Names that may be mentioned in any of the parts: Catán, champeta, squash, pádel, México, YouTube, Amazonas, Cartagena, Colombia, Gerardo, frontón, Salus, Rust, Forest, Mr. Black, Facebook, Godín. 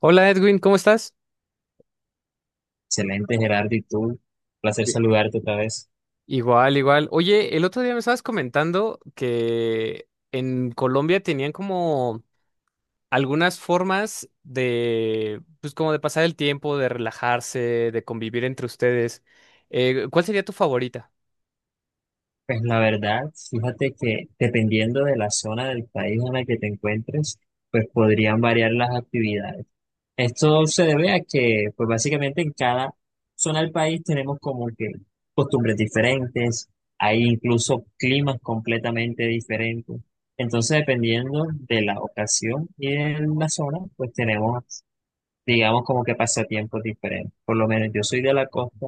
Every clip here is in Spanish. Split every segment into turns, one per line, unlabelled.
Hola Edwin, ¿cómo estás?
Excelente, Gerardo, ¿y tú? Placer
Sí.
saludarte otra vez.
Igual, igual. Oye, el otro día me estabas comentando que en Colombia tenían como algunas formas de, pues como de pasar el tiempo, de relajarse, de convivir entre ustedes. ¿Cuál sería tu favorita?
Pues la verdad, fíjate que dependiendo de la zona del país en la que te encuentres, pues podrían variar las actividades. Esto se debe a que, pues básicamente en cada zona del país tenemos como que costumbres diferentes, hay incluso climas completamente diferentes. Entonces, dependiendo de la ocasión y de la zona, pues tenemos, digamos, como que pasatiempos diferentes. Por lo menos yo soy de la costa.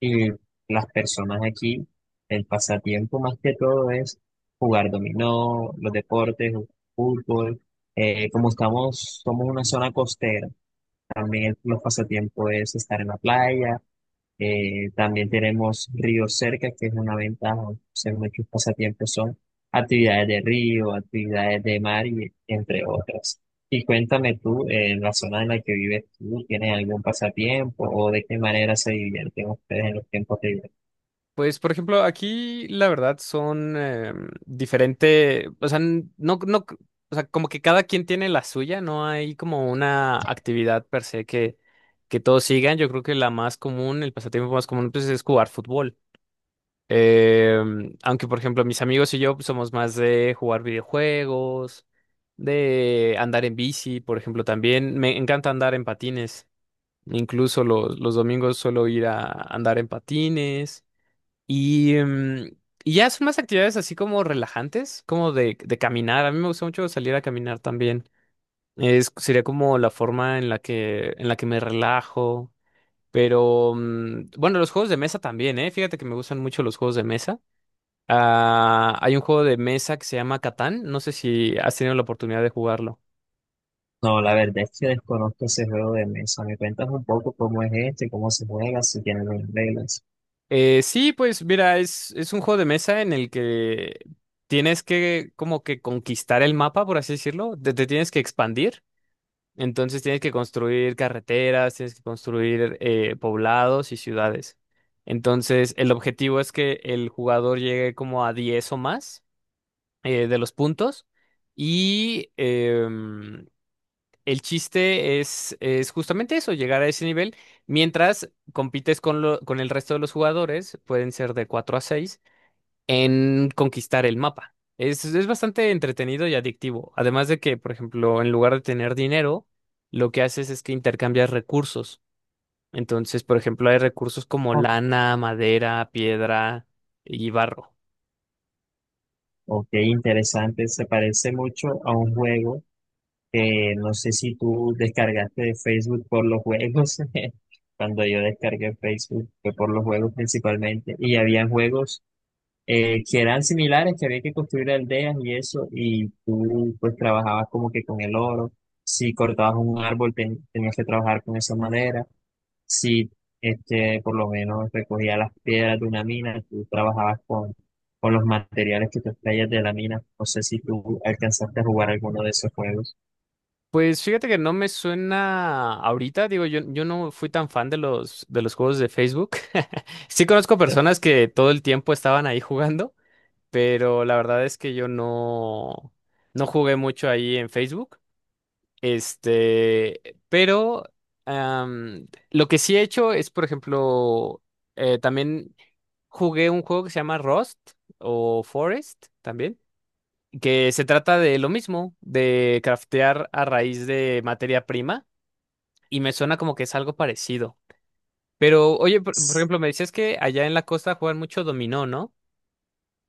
Y las personas aquí, el pasatiempo más que todo es jugar dominó, los deportes, fútbol. Como estamos, somos una zona costera, también los pasatiempos es estar en la playa, también tenemos río cerca, que es una ventaja, o sea, muchos pasatiempos son actividades de río, actividades de mar y entre otras. Y cuéntame tú, en la zona en la que vives tú, ¿tienes algún pasatiempo o de qué manera se divierten ustedes en los tiempos libres?
Pues, por ejemplo, aquí la verdad son diferente, o sea, no, no, o sea, como que cada quien tiene la suya, no hay como una actividad per se que todos sigan. Yo creo que la más común, el pasatiempo más común, pues es jugar fútbol. Aunque, por ejemplo, mis amigos y yo pues, somos más de jugar videojuegos, de andar en bici, por ejemplo, también. Me encanta andar en patines. Incluso los domingos suelo ir a andar en patines. Y, em, y ya son más actividades así como relajantes, como de caminar. A mí me gusta mucho salir a caminar también. Sería como la forma en la en la que me relajo. Pero bueno, los juegos de mesa también, ¿eh? Fíjate que me gustan mucho los juegos de mesa. Ah, hay un juego de mesa que se llama Catán. No sé si has tenido la oportunidad de jugarlo.
No, la verdad es que desconozco ese juego de mesa. ¿Me cuentas un poco cómo es este, cómo se juega, si tiene algunas reglas?
Sí, pues mira, es un juego de mesa en el que tienes que como que conquistar el mapa, por así decirlo. Te tienes que expandir. Entonces tienes que construir carreteras, tienes que construir poblados y ciudades. Entonces el objetivo es que el jugador llegue como a 10 o más de los puntos y el chiste es justamente eso, llegar a ese nivel mientras compites con, con el resto de los jugadores, pueden ser de 4 a 6 en conquistar el mapa. Es bastante entretenido y adictivo. Además de que, por ejemplo, en lugar de tener dinero, lo que haces es que intercambias recursos. Entonces, por ejemplo, hay recursos como
Oh,
lana, madera, piedra y barro.
ok, interesante. Se parece mucho a un juego que no sé si tú descargaste de Facebook por los juegos. Cuando yo descargué Facebook fue por los juegos principalmente. Y había juegos que eran similares, que había que construir aldeas y eso. Y tú pues trabajabas como que con el oro. Si cortabas un árbol tenías que trabajar con esa madera. Si este, por lo menos recogías las piedras de una mina, tú trabajabas con los materiales que te extraías de la mina. No sé si tú alcanzaste a jugar alguno de esos juegos.
Pues fíjate que no me suena ahorita, digo, yo no fui tan fan de de los juegos de Facebook. Sí conozco personas que todo el tiempo estaban ahí jugando, pero la verdad es que yo no, no jugué mucho ahí en Facebook. Este, pero lo que sí he hecho es, por ejemplo, también jugué un juego que se llama Rust o Forest también, que se trata de lo mismo, de craftear a raíz de materia prima, y me suena como que es algo parecido. Pero, oye, por ejemplo, me decías que allá en la costa juegan mucho dominó, ¿no?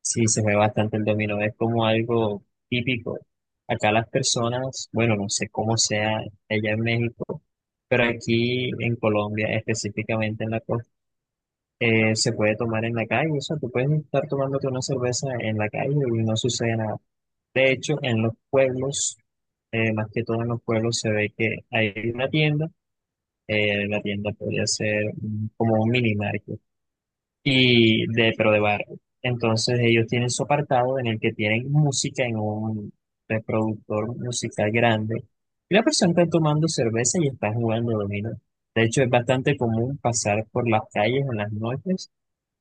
Sí, se ve bastante el dominó, es como algo típico. Acá las personas, bueno, no sé cómo sea allá en México, pero aquí en Colombia, específicamente en la costa, se puede tomar en la calle. O sea, tú puedes estar tomándote una cerveza en la calle y no sucede nada. De hecho, en los pueblos, más que todo en los pueblos, se ve que hay una tienda. La tienda podría ser como un mini market y de, pero de barrio. Entonces ellos tienen su apartado en el que tienen música en un reproductor musical grande. Y la persona está tomando cerveza y está jugando dominó. De hecho, es bastante común pasar por las calles en las noches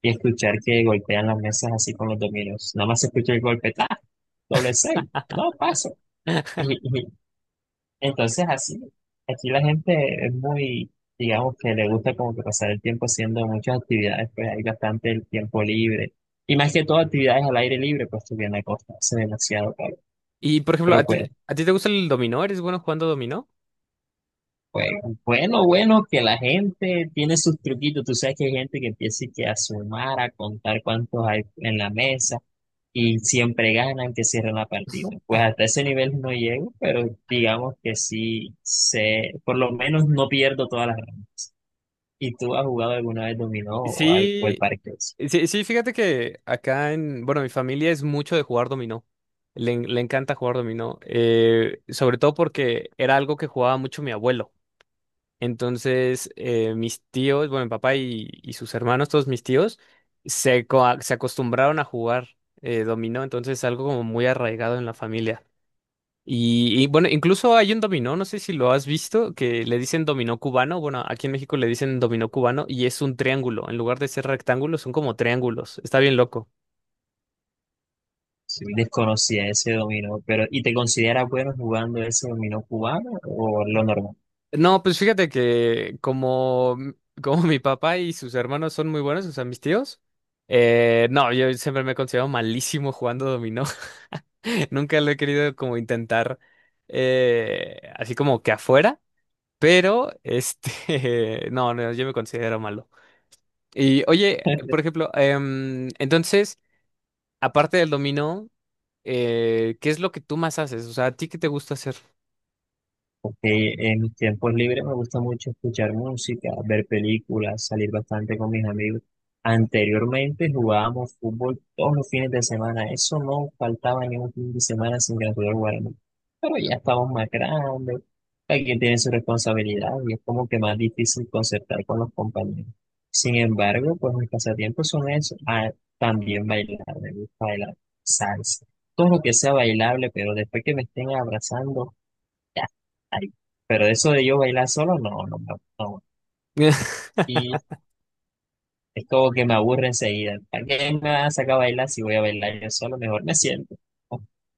y escuchar que golpean las mesas así con los dominos. Nada más se escucha el golpe, ¡ah! Doble seis, no paso. Entonces, así, aquí la gente es muy, digamos que le gusta como que pasar el tiempo haciendo muchas actividades, pues hay bastante el tiempo libre. Y más que todo actividades al aire libre, pues estoy en la costa, hace demasiado calor.
Y, por ejemplo,
Pero pues,
a ti te gusta el dominó? ¿Eres bueno jugando dominó?
pues, bueno, bueno, que la gente tiene sus truquitos. Tú sabes que hay gente que empieza y que a sumar, a contar cuántos hay en la mesa y siempre ganan, que cierran la partida. Pues hasta ese nivel no llego, pero digamos que sí sé, por lo menos no pierdo todas las. ¿Y tú has jugado alguna vez dominó o al
Sí,
parqués?
sí, sí, fíjate que acá en, bueno, mi familia es mucho de jugar dominó. Le encanta jugar dominó, sobre todo porque era algo que jugaba mucho mi abuelo. Entonces, mis tíos, bueno, mi papá y sus hermanos, todos mis tíos, se acostumbraron a jugar dominó, entonces es algo como muy arraigado en la familia. Bueno, incluso hay un dominó, no sé si lo has visto, que le dicen dominó cubano. Bueno, aquí en México le dicen dominó cubano y es un triángulo. En lugar de ser rectángulos, son como triángulos. Está bien loco.
Sí, sí, desconocía ese dominó, pero ¿y te consideras bueno jugando ese dominó cubano o lo normal?
No, pues fíjate que como, como mi papá y sus hermanos son muy buenos, o sea, mis tíos, no, yo siempre me he considerado malísimo jugando dominó. Nunca lo he querido como intentar así como que afuera, pero este, no, no, yo me considero malo. Y oye, por ejemplo, entonces, aparte del dominó, ¿qué es lo que tú más haces? O sea, ¿a ti qué te gusta hacer?
Ok, en mis tiempos libres me gusta mucho escuchar música, ver películas, salir bastante con mis amigos. Anteriormente jugábamos fútbol todos los fines de semana, eso no faltaba ni un fin de semana sin que nosotros jugáramos. Pero ya estamos más grandes, cada quien tiene su responsabilidad y es como que más difícil concertar con los compañeros. Sin embargo, pues mis pasatiempos son eso, ah, también bailar, me gusta bailar salsa, todo lo que sea bailable, pero después que me estén abrazando. Ay, pero eso de yo bailar solo, no, no, no. No. Y es como que me aburre enseguida. ¿Para qué me van a sacar a bailar si voy a bailar yo solo? Mejor me siento.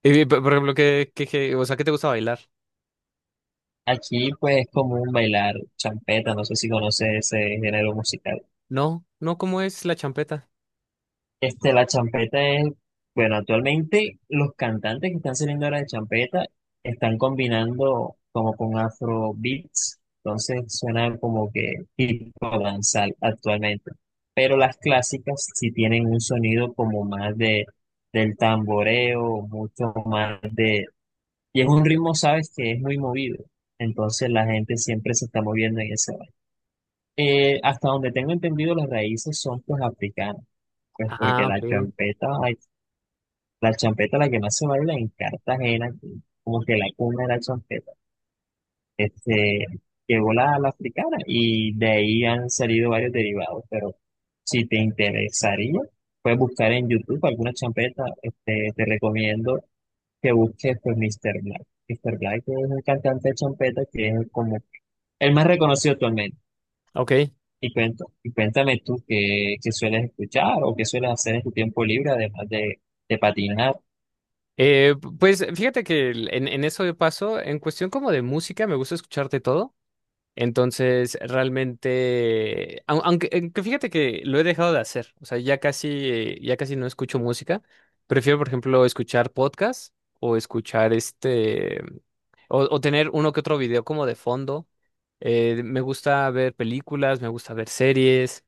Y, por ejemplo, ¿qué- o sea, ¿qué te gusta bailar?
Aquí, pues, es común bailar champeta. No sé si conoces ese género musical.
No, no, ¿cómo es la champeta?
Este, la champeta es, bueno, actualmente los cantantes que están saliendo ahora de champeta están combinando como con afro beats, entonces suena como que tipo danzal actualmente. Pero las clásicas sí tienen un sonido como más de del tamboreo, mucho más de, y es un ritmo, sabes, que es muy movido. Entonces la gente siempre se está moviendo en ese baile. Hasta donde tengo entendido, las raíces son pues africanas. Pues porque
Ah,
la
ok.
champeta la champeta, la que más se baila en Cartagena, que como que la cuna de la champeta, este, llegó la, la africana y de ahí han salido varios derivados, pero si te interesaría, puedes buscar en YouTube alguna champeta, este, te recomiendo que busques pues Mr. Black. Mr. Black es un cantante de champeta que es como el más reconocido actualmente.
Ok.
Y cuento, y cuéntame tú qué, qué sueles escuchar o qué sueles hacer en tu tiempo libre, además de patinar.
Eh, pues fíjate que en eso de paso, en cuestión como de música, me gusta escucharte todo. Entonces, realmente, aunque fíjate que lo he dejado de hacer, o sea, ya casi no escucho música. Prefiero, por ejemplo, escuchar podcasts o escuchar este. O tener uno que otro video como de fondo. Me gusta ver películas, me gusta ver series.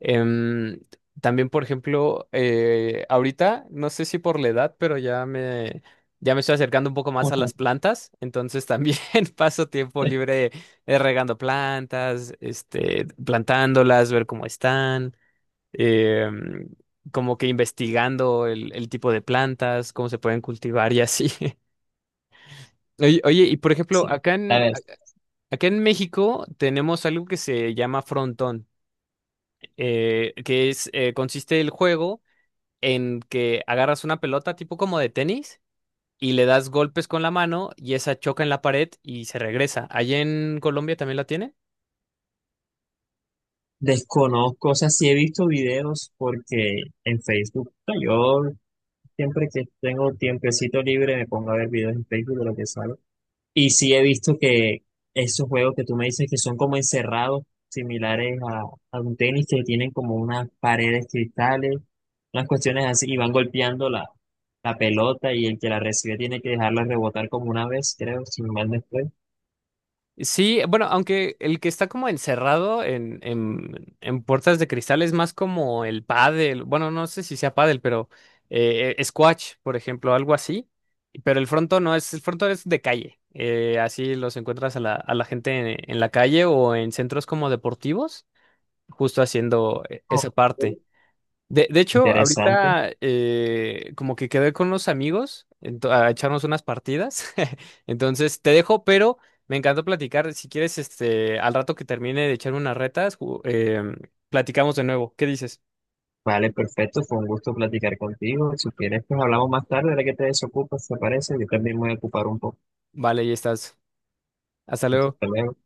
Em, también, por ejemplo, ahorita, no sé si por la edad, pero ya me estoy acercando un poco más a las plantas. Entonces también paso tiempo libre regando plantas, este, plantándolas, ver cómo están. em, como que investigando el tipo de plantas, cómo se pueden cultivar y así. Y por ejemplo,
Sí. A ver,
acá en México tenemos algo que se llama frontón, que es consiste el juego en que agarras una pelota tipo como de tenis y le das golpes con la mano y esa choca en la pared y se regresa. ¿Allá en Colombia también la tiene?
desconozco, o sea, sí he visto videos porque en Facebook, o sea, yo siempre que tengo tiempecito libre me pongo a ver videos en Facebook de lo que sale. Y sí he visto que esos juegos que tú me dices que son como encerrados, similares a un tenis, que tienen como unas paredes cristales, unas cuestiones así, y van golpeando la, la pelota y el que la recibe tiene que dejarla rebotar como una vez, creo, si no mal no estoy.
Sí, bueno, aunque el que está como encerrado en puertas de cristal es más como el pádel, bueno, no sé si sea pádel, pero squash, por ejemplo, algo así, pero el fronto no es, el fronto es de calle, así los encuentras a a la gente en la calle o en centros como deportivos, justo haciendo
Oh,
esa parte. De hecho,
interesante.
ahorita como que quedé con unos amigos a echarnos unas partidas. Entonces te dejo, pero me encantó platicar. Si quieres, este, al rato que termine de echarme unas retas, platicamos de nuevo. ¿Qué dices?
Vale, perfecto, fue un gusto platicar contigo. Si quieres, pues hablamos más tarde, ahora que te desocupes, ¿te parece? Yo también me voy a ocupar un poco.
Vale, ya estás. Hasta luego.
Hasta luego.